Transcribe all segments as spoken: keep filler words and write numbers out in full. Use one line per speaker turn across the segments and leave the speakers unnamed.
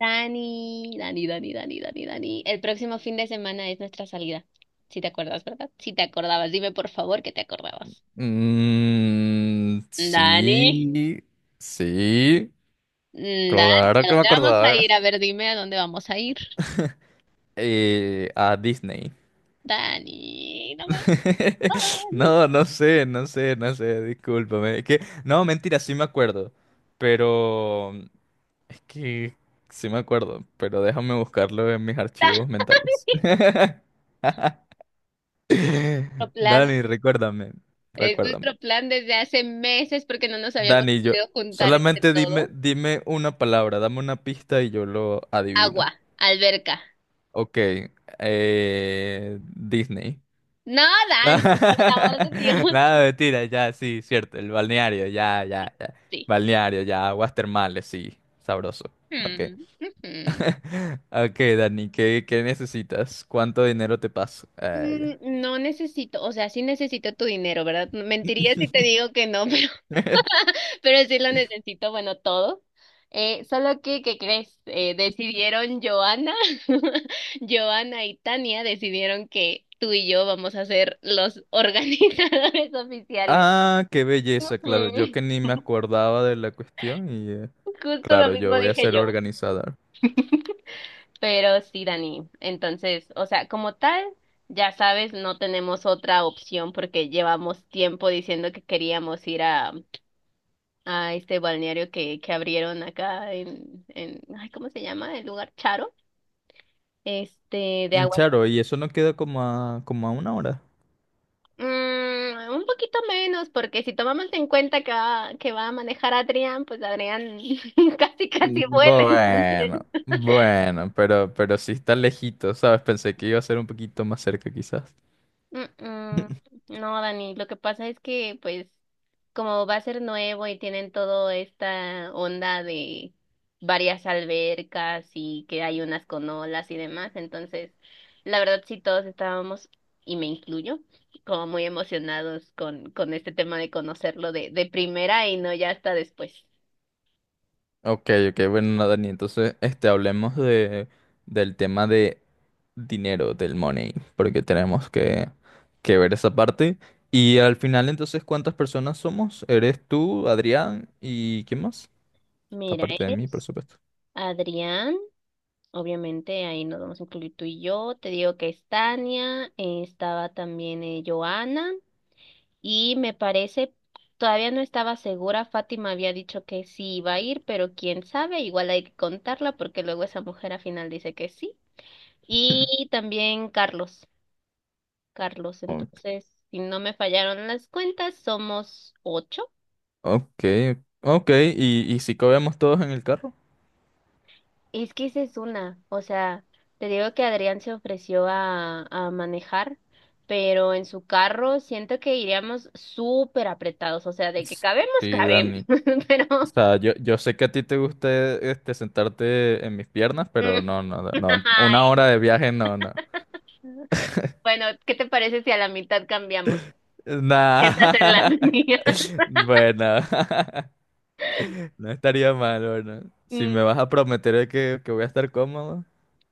Dani, Dani, Dani, Dani, Dani, Dani. El próximo fin de semana es nuestra salida. Si te acuerdas, ¿verdad? Si te acordabas, dime por favor que te acordabas.
Mm,
Dani,
sí, sí,
Mm, Dani,
claro
¿a
que me
dónde vamos a
acordaba.
ir? A ver, dime a dónde vamos a ir.
Eh, a Disney.
Dani, no me Dani.
No, no sé, no sé, no sé, discúlpame. Es que, no, mentira, sí me acuerdo. Pero es que sí me acuerdo, pero déjame buscarlo en mis archivos mentales.
Nuestro plan.
Dani, recuérdame,
Es
recuérdame.
nuestro plan desde hace meses porque no nos habíamos
Dani, yo,
podido juntar entre
solamente dime,
todo.
dime una palabra, dame una pista y yo lo
Agua,
adivino.
alberca.
Ok, eh, Disney.
No, Dani, por el amor de Dios.
Nada, mentira, ya, sí, cierto, el balneario, ya, ya, ya.
Sí.
Balneario, ya, aguas termales, sí, sabroso. Ok.
Mm, ujú.
Ok, Dani, ¿qué, qué necesitas? ¿Cuánto dinero te paso? Ah, ya.
Mm, No necesito, o sea, sí necesito tu dinero, ¿verdad? Mentiría si te digo que no, pero, pero sí lo necesito, bueno, todo. Eh, solo que, ¿qué crees? Eh, decidieron Joana, Joana y Tania decidieron que tú y yo vamos a ser los organizadores oficiales.
Ah, qué belleza, claro, yo
Ujú,
que ni me acordaba de la cuestión y eh,
justo lo
claro,
mismo
yo voy a
dije
ser
yo.
organizador.
Pero sí, Dani. Entonces, o sea, como tal, ya sabes, no tenemos otra opción porque llevamos tiempo diciendo que queríamos ir a a este balneario que, que abrieron acá en, en, ay, ¿cómo se llama? El lugar Charo, este, de
Mm,
aguas.
claro, y eso no queda como a, como a una hora.
Mm, un poquito menos, porque si tomamos en cuenta que va, que va a manejar Adrián, pues Adrián casi, casi vuela, entonces.
Bueno, bueno, pero, pero sí está lejito, ¿sabes? Pensé que iba a ser un poquito más cerca quizás.
Mm, mm. No, Dani, lo que pasa es que, pues, como va a ser nuevo y tienen toda esta onda de varias albercas y que hay unas con olas y demás, entonces, la verdad sí todos estábamos, y me incluyo, como muy emocionados con, con este tema de conocerlo de, de primera y no ya hasta después.
Ok, ok, bueno, no, Dani, entonces, este, hablemos de, del tema de dinero, del money, porque tenemos que, que ver esa parte. Y al final, entonces, ¿cuántas personas somos? ¿Eres tú, Adrián y quién más?
Mira,
Aparte de mí, por
es
supuesto.
Adrián. Obviamente ahí nos vamos a incluir tú y yo. Te digo que es Tania, eh, estaba también eh, Joana. Y me parece, todavía no estaba segura, Fátima había dicho que sí iba a ir, pero quién sabe, igual hay que contarla porque luego esa mujer al final dice que sí. Y también Carlos, Carlos, entonces, si no me fallaron las cuentas, somos ocho.
Ok, ok, ¿y, y si cabemos todos en el carro?
Es que esa es una, o sea, te digo que Adrián se ofreció a, a manejar, pero en su carro siento que iríamos súper apretados, o sea, de que
S-
cabemos,
Sí,
cabemos,
Dani. O
pero...
sea, yo, yo sé que a ti te gusta este, sentarte en mis piernas, pero no, no, no. Una hora de viaje, no, no.
Bueno, ¿qué te parece si a la mitad cambiamos?
Nah.
Sientas en las mías.
Bueno, no estaría mal, bueno. Si
Mm,
me vas a prometer que, que voy a estar cómodo.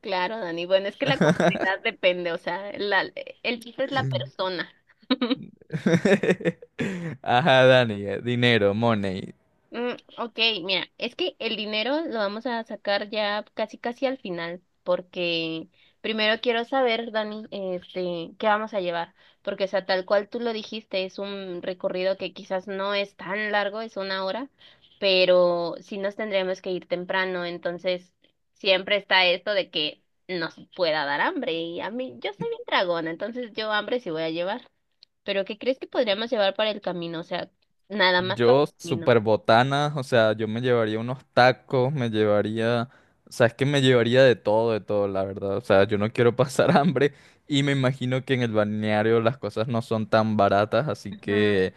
claro, Dani. Bueno, es que la comodidad depende, o sea, la- el chiste es la persona.
Ajá, Dani, eh, dinero, money.
Mm, ok, mira, es que el dinero lo vamos a sacar ya casi casi al final, porque primero quiero saber, Dani, este, qué vamos a llevar, porque o sea, tal cual tú lo dijiste, es un recorrido que quizás no es tan largo, es una hora, pero sí nos tendríamos que ir temprano, entonces siempre está esto de que nos pueda dar hambre, y a mí, yo soy bien dragona, entonces yo hambre sí voy a llevar, pero ¿qué crees que podríamos llevar para el camino? O sea, nada más para el
Yo,
camino.
super botana, o sea, yo me llevaría unos tacos, me llevaría, o sea, es que me llevaría de todo, de todo, la verdad. O sea, yo no quiero pasar hambre y me imagino que en el balneario las cosas no son tan baratas, así
Ajá.
que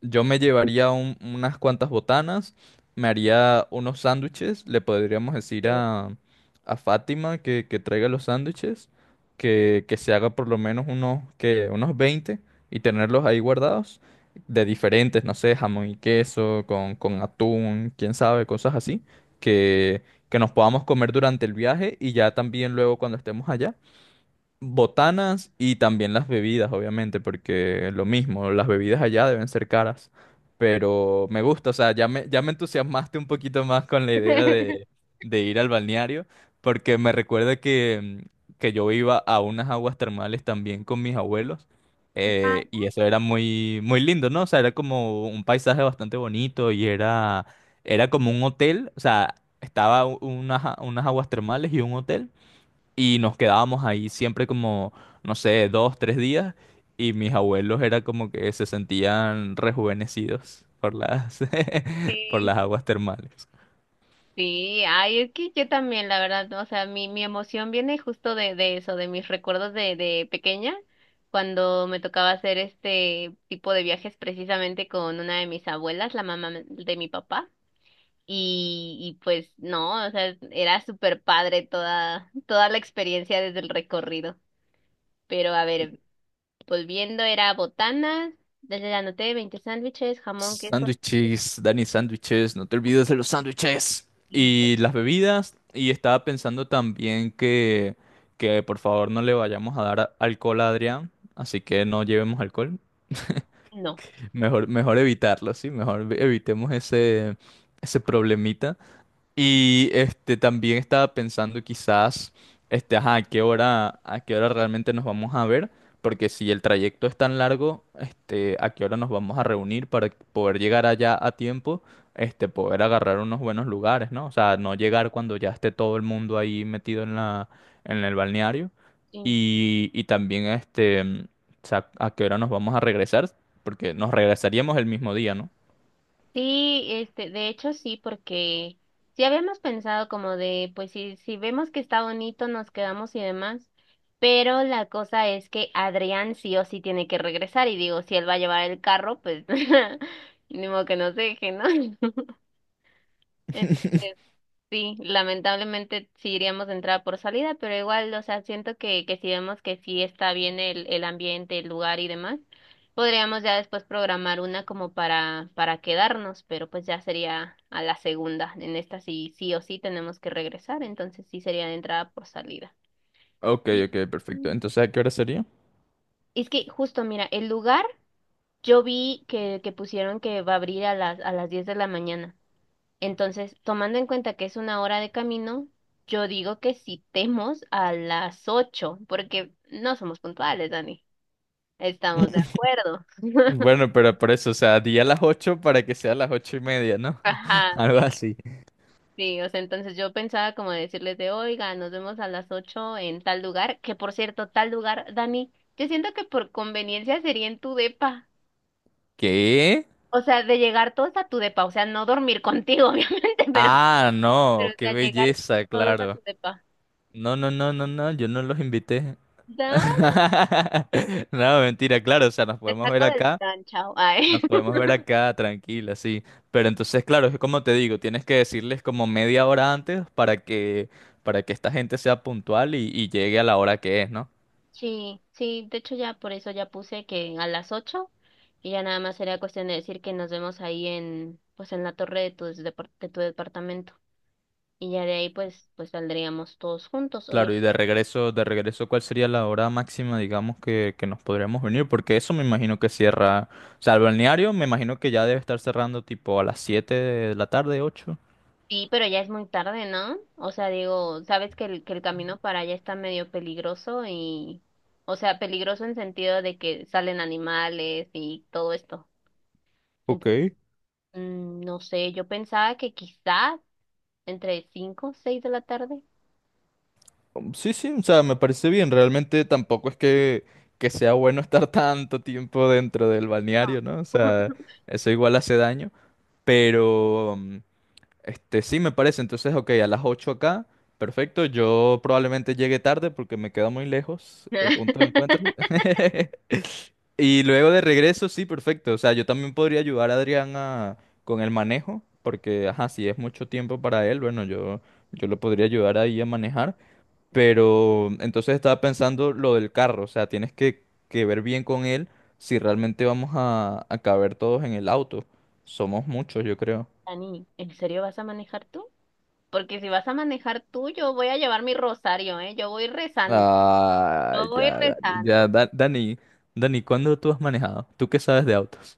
yo me llevaría un- unas cuantas botanas, me haría unos sándwiches, le podríamos decir
Sí.
a, a Fátima que, que traiga los sándwiches, que, que se haga por lo menos unos, que, unos veinte y tenerlos ahí guardados, de diferentes, no sé, jamón y queso, con, con atún, quién sabe, cosas así, que, que nos podamos comer durante el viaje y ya también luego cuando estemos allá botanas y también las bebidas, obviamente, porque lo mismo, las bebidas allá deben ser caras. Pero me gusta, o sea, ya me, ya me entusiasmaste un poquito más con la idea de, de ir al balneario, porque me recuerda que, que yo iba a unas aguas termales también con mis abuelos.
Ah,
eh, y eso era muy, muy lindo, ¿no? O sea, era como un paisaje bastante bonito y era, era como un hotel, o sea, estaba u- unas, a- unas aguas termales y un hotel. Y nos quedábamos ahí siempre como, no sé, dos, tres días. Y mis abuelos era como que se sentían rejuvenecidos por las, por
sí.
las aguas termales.
Sí, ay, es que yo también, la verdad, o sea, mi, mi emoción viene justo de, de eso, de mis recuerdos de, de pequeña, cuando me tocaba hacer este tipo de viajes precisamente con una de mis abuelas, la mamá de mi papá, y, y pues no, o sea, era súper padre toda, toda la experiencia desde el recorrido. Pero a ver, volviendo, era botanas, desde la anoté veinte sándwiches, jamón, queso
Sándwiches, Dani, sándwiches, no te olvides de los sándwiches.
y
Y las bebidas. Y estaba pensando también que, que por favor no le vayamos a dar alcohol a Adrián. Así que no llevemos alcohol.
no.
Mejor, mejor evitarlo, ¿sí? Mejor evitemos ese, ese problemita. Y este también estaba pensando quizás este ajá, a qué hora a qué hora realmente nos vamos a ver, porque si el trayecto es tan largo, este a qué hora nos vamos a reunir para poder llegar allá a tiempo, este poder agarrar unos buenos lugares, ¿no? O sea, no llegar cuando ya esté todo el mundo ahí metido en la en el balneario y y también este mm, o sea, a qué hora nos vamos a regresar, porque nos regresaríamos el mismo día, ¿no?
Sí, este, de hecho sí, porque sí habíamos pensado como de, pues si, si vemos que está bonito, nos quedamos y demás, pero la cosa es que Adrián sí o sí tiene que regresar y digo, si él va a llevar el carro, pues ni modo que nos deje, ¿no? Entonces, sí, lamentablemente sí iríamos de entrada por salida, pero igual, o sea, siento que, que si vemos que sí está bien el, el ambiente, el lugar y demás, podríamos ya después programar una como para, para quedarnos, pero pues ya sería a la segunda. En esta sí, sí o sí tenemos que regresar, entonces sí sería de entrada por salida.
Ok,
Y-
ok, perfecto. Entonces, ¿a qué hora sería?
es que justo, mira, el lugar yo vi que, que pusieron que va a abrir a las, a las diez de la mañana. Entonces, tomando en cuenta que es una hora de camino, yo digo que citemos a las ocho, porque no somos puntuales, Dani. Estamos de acuerdo.
Bueno, pero por eso, o sea, di a las ocho para que sea a las ocho y media, ¿no?
Ajá,
Algo
sí,
así.
sí, o sea, entonces yo pensaba como decirles de, oiga, nos vemos a las ocho en tal lugar, que por cierto, tal lugar, Dani, yo siento que por conveniencia sería en tu depa,
¿Qué?
o sea, de llegar todos a tu depa, o sea, no dormir contigo, obviamente, pero,
Ah,
pero,
no,
o
qué
sea, llegar
belleza,
todos a
claro.
tu depa.
No, no, no, no, no, yo no los invité.
Dan,
No, mentira, claro, o sea, nos
te
podemos ver
saco del
acá,
plan, chao. Ay.
nos podemos ver acá, tranquila, sí. Pero entonces, claro, es como te digo, tienes que decirles como media hora antes para que, para que esta gente sea puntual y, y llegue a la hora que es, ¿no?
Sí, sí, de hecho ya por eso ya puse que a las ocho y ya nada más sería cuestión de decir que nos vemos ahí en, pues en la torre de tu, depar- de tu departamento y ya de ahí pues, pues saldríamos todos juntos,
Claro,
obviamente.
y de regreso, de regreso, ¿cuál sería la hora máxima, digamos, que, que nos podríamos venir? Porque eso me imagino que cierra, o sea, el balneario me imagino que ya debe estar cerrando tipo a las siete de la tarde, ocho.
Sí, pero ya es muy tarde, ¿no? O sea, digo, sabes que el, que el camino para allá está medio peligroso y, o sea, peligroso en sentido de que salen animales y todo esto.
Ok.
Entonces, mm, no sé, yo pensaba que quizás entre cinco, o seis de la tarde.
Um, Sí, sí, o sea, me parece bien. Realmente tampoco es que, que sea bueno estar tanto tiempo dentro del balneario, ¿no? O sea, eso igual hace daño, pero. Este, sí, me parece. Entonces, ok, a las ocho acá. Perfecto. Yo probablemente llegue tarde porque me queda muy lejos el punto de encuentro. Y luego de regreso, sí, perfecto. O sea, yo también podría ayudar a Adrián a- con el manejo, porque, ajá, si es mucho tiempo para él, bueno, yo, yo lo podría ayudar ahí a manejar. Pero entonces estaba pensando lo del carro, o sea, tienes que, que ver bien con él si realmente vamos a, a caber todos en el auto. Somos muchos, yo creo.
Dani, ¿en serio vas a manejar tú? Porque si vas a manejar tú, yo voy a llevar mi rosario, ¿eh? Yo voy rezando,
Ah,
yo
ya,
voy
Dani. Ya,
rezando.
Da- Dani. Dani, ¿cuándo tú has manejado? ¿Tú qué sabes de autos?